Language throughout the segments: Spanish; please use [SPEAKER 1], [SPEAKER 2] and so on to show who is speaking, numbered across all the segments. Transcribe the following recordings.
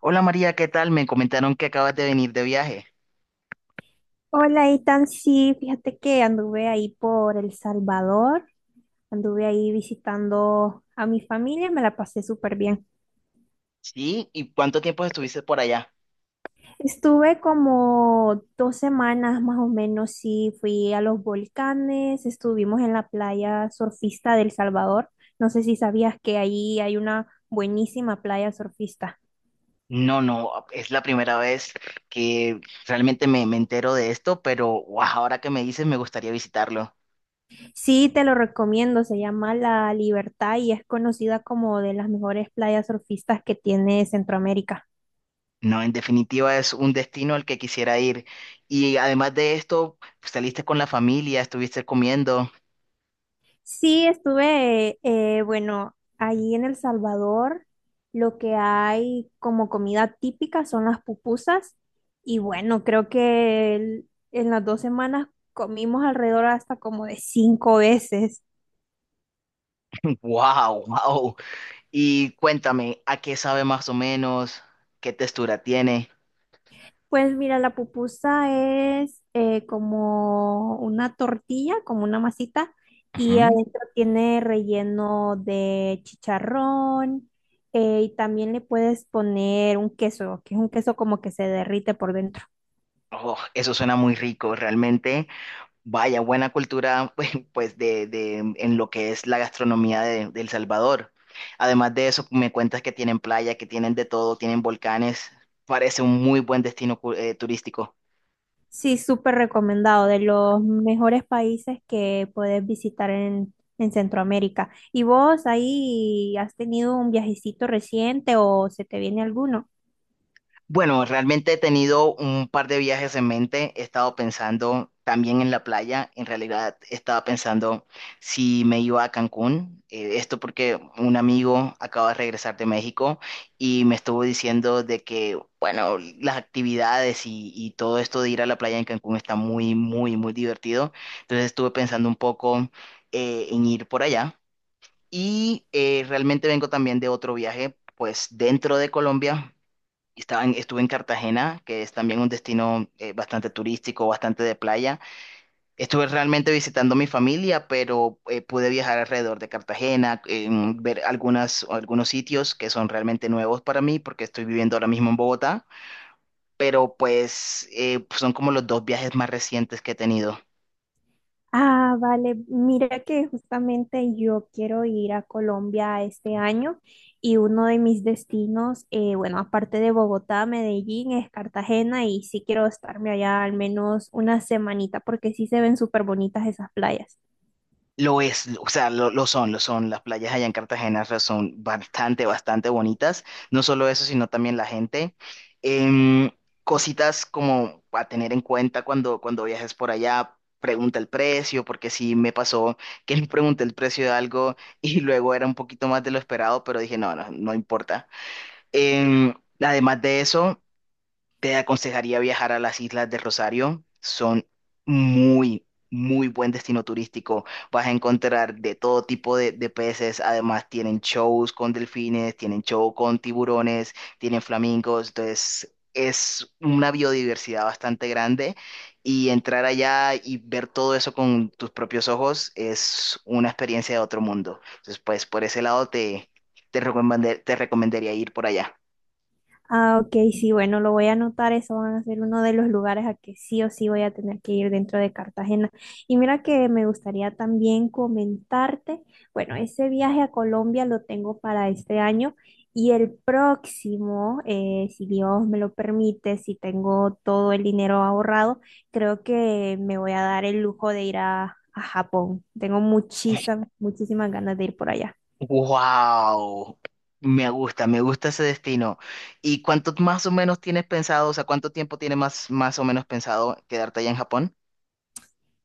[SPEAKER 1] Hola María, ¿qué tal? Me comentaron que acabas de venir de viaje.
[SPEAKER 2] Hola, Itan. Sí, fíjate que anduve ahí por El Salvador, anduve ahí visitando a mi familia, me la pasé súper bien.
[SPEAKER 1] ¿Sí? ¿Y cuánto tiempo estuviste por allá?
[SPEAKER 2] Estuve como 2 semanas más o menos, sí, fui a los volcanes, estuvimos en la playa surfista del Salvador. No sé si sabías que ahí hay una buenísima playa surfista.
[SPEAKER 1] No, no, es la primera vez que realmente me entero de esto, pero guau, ahora que me dices me gustaría visitarlo.
[SPEAKER 2] Sí, te lo recomiendo, se llama La Libertad y es conocida como de las mejores playas surfistas que tiene Centroamérica.
[SPEAKER 1] No, en definitiva es un destino al que quisiera ir. Y además de esto, pues, saliste con la familia, estuviste comiendo.
[SPEAKER 2] Sí, estuve, bueno, allí en El Salvador, lo que hay como comida típica son las pupusas y bueno, creo que en las 2 semanas comimos alrededor hasta como de 5 veces.
[SPEAKER 1] Wow, wow. Y cuéntame, ¿a qué sabe más o menos? ¿Qué textura tiene?
[SPEAKER 2] Pues mira, la pupusa es como una tortilla, como una masita, y
[SPEAKER 1] Ujú.
[SPEAKER 2] adentro tiene relleno de chicharrón, y también le puedes poner un queso, que es un queso como que se derrite por dentro.
[SPEAKER 1] Oh, eso suena muy rico, realmente. Vaya, buena cultura, pues, pues, en lo que es la gastronomía de El Salvador. Además de eso, me cuentas que tienen playa, que tienen de todo, tienen volcanes. Parece un muy buen destino turístico.
[SPEAKER 2] Sí, súper recomendado, de los mejores países que puedes visitar en Centroamérica. ¿Y vos ahí has tenido un viajecito reciente o se te viene alguno?
[SPEAKER 1] Bueno, realmente he tenido un par de viajes en mente. He estado pensando también en la playa. En realidad, estaba pensando si me iba a Cancún. Esto porque un amigo acaba de regresar de México y me estuvo diciendo de que, bueno, las actividades y todo esto de ir a la playa en Cancún está muy, muy, muy divertido. Entonces estuve pensando un poco en ir por allá. Y realmente vengo también de otro viaje, pues dentro de Colombia estuve en Cartagena, que es también un destino bastante turístico, bastante de playa. Estuve realmente visitando a mi familia, pero pude viajar alrededor de Cartagena, ver algunos sitios que son realmente nuevos para mí, porque estoy viviendo ahora mismo en Bogotá, pero pues son como los dos viajes más recientes que he tenido.
[SPEAKER 2] Ah, vale. Mira que justamente yo quiero ir a Colombia este año y uno de mis destinos, bueno, aparte de Bogotá, Medellín, es Cartagena y sí quiero estarme allá al menos una semanita porque sí se ven súper bonitas esas playas.
[SPEAKER 1] Lo es, o sea, lo son, lo son. Las playas allá en Cartagena son bastante, bastante bonitas. No solo eso, sino también la gente. Em, Cositas como a tener en cuenta cuando viajes por allá, pregunta el precio, porque sí me pasó que no pregunté el precio de algo y luego era un poquito más de lo esperado, pero dije, no, no, no importa. Em, Además de eso, te aconsejaría viajar a las Islas de Rosario. Son muy, muy buen destino turístico. Vas a encontrar de todo tipo de peces. Además, tienen shows con delfines, tienen show con tiburones, tienen flamingos. Entonces, es una biodiversidad bastante grande. Y entrar allá y ver todo eso con tus propios ojos es una experiencia de otro mundo. Entonces, pues por ese lado te recomendaría ir por allá.
[SPEAKER 2] Ah, ok, sí, bueno, lo voy a anotar, eso van a ser uno de los lugares a que sí o sí voy a tener que ir dentro de Cartagena. Y mira que me gustaría también comentarte, bueno, ese viaje a Colombia lo tengo para este año y el próximo, si Dios me lo permite, si tengo todo el dinero ahorrado, creo que me voy a dar el lujo de ir a Japón. Tengo muchísimas, muchísimas ganas de ir por allá.
[SPEAKER 1] Wow, me gusta ese destino. ¿Y cuánto más o menos tienes pensado, o sea, cuánto tiempo tienes más, más o menos pensado quedarte allá en Japón?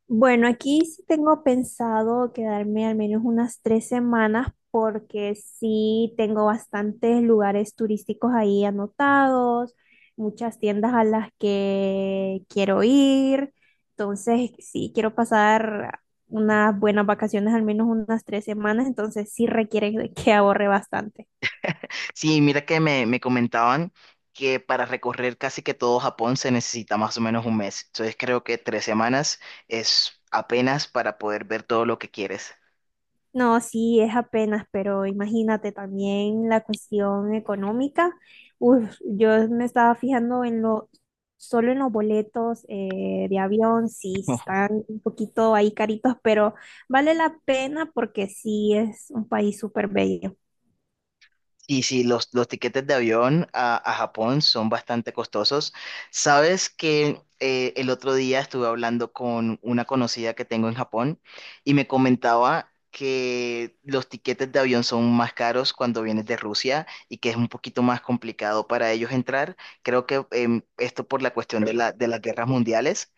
[SPEAKER 2] Bueno, aquí sí tengo pensado quedarme al menos unas 3 semanas porque sí tengo bastantes lugares turísticos ahí anotados, muchas tiendas a las que quiero ir. Entonces, sí quiero pasar unas buenas vacaciones, al menos unas tres semanas, entonces sí requiere de que ahorre bastante.
[SPEAKER 1] Sí, mira que me comentaban que para recorrer casi que todo Japón se necesita más o menos un mes. Entonces creo que tres semanas es apenas para poder ver todo lo que quieres.
[SPEAKER 2] No, sí, es apenas, pero imagínate también la cuestión económica. Uf, yo me estaba fijando solo en los boletos de avión, sí, están un poquito ahí caritos, pero vale la pena porque sí es un país súper bello.
[SPEAKER 1] Y sí, los tiquetes de avión a Japón son bastante costosos. Sabes que el otro día estuve hablando con una conocida que tengo en Japón y me comentaba que los tiquetes de avión son más caros cuando vienes de Rusia y que es un poquito más complicado para ellos entrar. Creo que esto por la cuestión de de las guerras mundiales,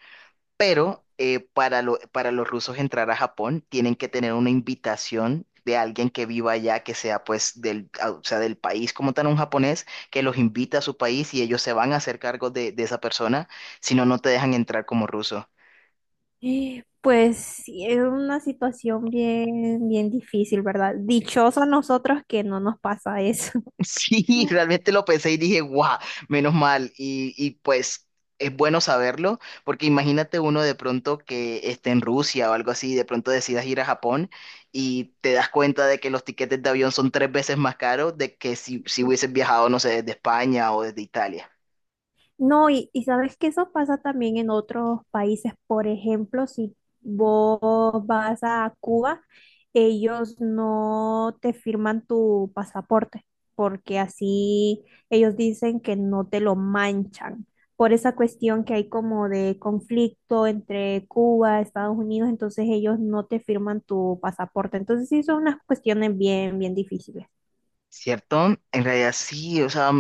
[SPEAKER 1] pero para los rusos entrar a Japón tienen que tener una invitación de alguien que viva allá, que sea pues del, ah, o sea, del país como tal, un japonés, que los invita a su país y ellos se van a hacer cargo de esa persona, si no, no te dejan entrar como ruso.
[SPEAKER 2] Pues sí, es una situación bien, bien difícil, ¿verdad? Dichosos nosotros que no nos pasa eso.
[SPEAKER 1] Sí, realmente lo pensé y dije, guau, menos mal. Y pues es bueno saberlo, porque imagínate uno de pronto que esté en Rusia o algo así, y de pronto decidas ir a Japón y te das cuenta de que los tiquetes de avión son tres veces más caros de que si, si hubieses viajado, no sé, desde España o desde Italia,
[SPEAKER 2] No, y sabes que eso pasa también en otros países. Por ejemplo, si vos vas a Cuba, ellos no te firman tu pasaporte, porque así ellos dicen que no te lo manchan. Por esa cuestión que hay como de conflicto entre Cuba, Estados Unidos, entonces ellos no te firman tu pasaporte. Entonces sí son unas cuestiones bien, bien difíciles.
[SPEAKER 1] ¿cierto? En realidad sí, o sea,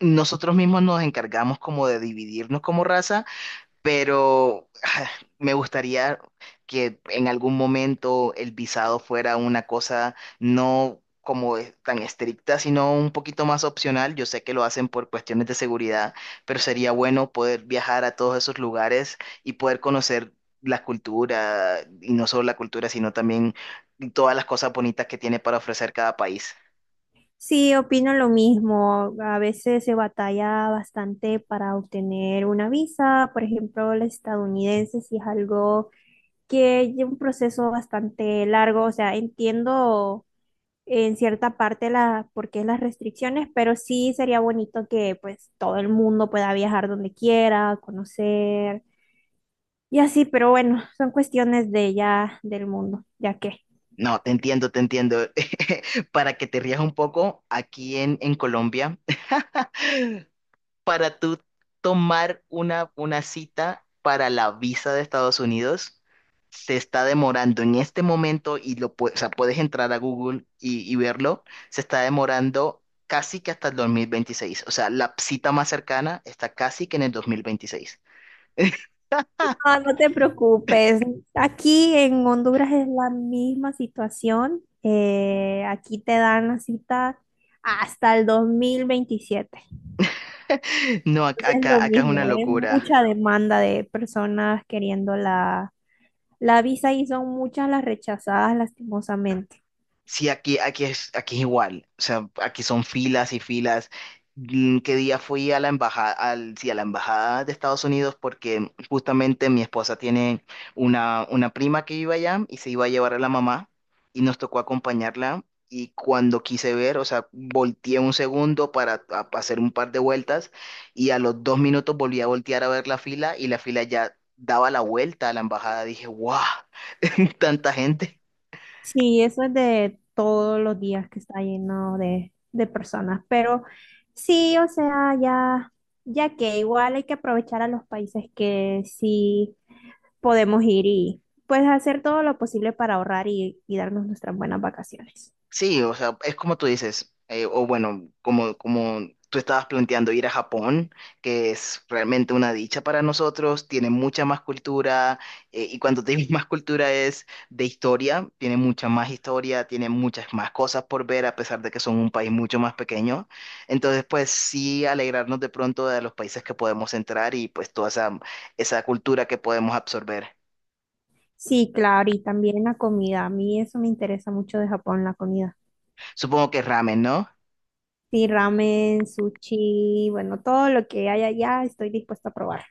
[SPEAKER 1] nosotros mismos nos encargamos como de dividirnos como raza, pero me gustaría que en algún momento el visado fuera una cosa no tan estricta, sino un poquito más opcional. Yo sé que lo hacen por cuestiones de seguridad, pero sería bueno poder viajar a todos esos lugares y poder conocer la cultura, y no solo la cultura, sino también todas las cosas bonitas que tiene para ofrecer cada país.
[SPEAKER 2] Sí, opino lo mismo. A veces se batalla bastante para obtener una visa, por ejemplo, la estadounidense, si es algo que lleva un proceso bastante largo. O sea, entiendo en cierta parte la, por qué las restricciones, pero sí sería bonito que pues todo el mundo pueda viajar donde quiera, conocer y así, pero bueno, son cuestiones de ya del mundo, ya que.
[SPEAKER 1] No, te entiendo, te entiendo. Para que te rías un poco, aquí en Colombia para tú tomar una cita para la visa de Estados Unidos se está demorando en este momento y o sea, puedes entrar a Google y verlo, se está demorando casi que hasta el 2026. O sea, la cita más cercana está casi que en el 2026.
[SPEAKER 2] No, no te preocupes. Aquí en Honduras es la misma situación. Aquí te dan la cita hasta el 2027.
[SPEAKER 1] No,
[SPEAKER 2] Entonces es lo
[SPEAKER 1] acá es una
[SPEAKER 2] mismo, es
[SPEAKER 1] locura.
[SPEAKER 2] mucha demanda de personas queriendo la visa y son muchas las rechazadas lastimosamente.
[SPEAKER 1] Sí, aquí es igual. O sea, aquí son filas y filas. Mm, ¿qué día fui a la embajada, al, sí, a la embajada de Estados Unidos? Porque justamente mi esposa tiene una prima que vive allá y se iba a llevar a la mamá y nos tocó acompañarla. Y cuando quise ver, o sea, volteé un segundo para hacer un par de vueltas y a los dos minutos volví a voltear a ver la fila y la fila ya daba la vuelta a la embajada. Dije, ¡guau! Tanta gente.
[SPEAKER 2] Sí, eso es de todos los días que está lleno de personas, pero sí, o sea, ya, ya que igual hay que aprovechar a los países que sí podemos ir y pues hacer todo lo posible para ahorrar y darnos nuestras buenas vacaciones.
[SPEAKER 1] Sí, o sea, es como tú dices, o bueno, como, como tú estabas planteando ir a Japón, que es realmente una dicha para nosotros, tiene mucha más cultura, y cuando te digo más cultura es de historia, tiene mucha más historia, tiene muchas más cosas por ver, a pesar de que son un país mucho más pequeño. Entonces, pues sí, alegrarnos de pronto de los países que podemos entrar y pues toda esa cultura que podemos absorber.
[SPEAKER 2] Sí, claro, y también la comida, a mí eso me interesa mucho de Japón, la comida.
[SPEAKER 1] Supongo que ramen, ¿no?
[SPEAKER 2] Sí, ramen, sushi, bueno, todo lo que haya allá estoy dispuesta a probar.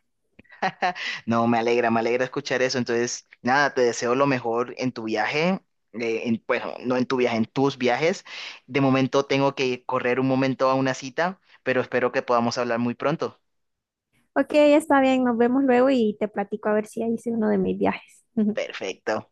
[SPEAKER 1] No, me alegra escuchar eso. Entonces, nada, te deseo lo mejor en tu viaje. Bueno, no en tu viaje, en tus viajes. De momento tengo que correr un momento a una cita, pero espero que podamos hablar muy pronto.
[SPEAKER 2] Ok, está bien, nos vemos luego y te platico a ver si hice uno de mis viajes.
[SPEAKER 1] Perfecto.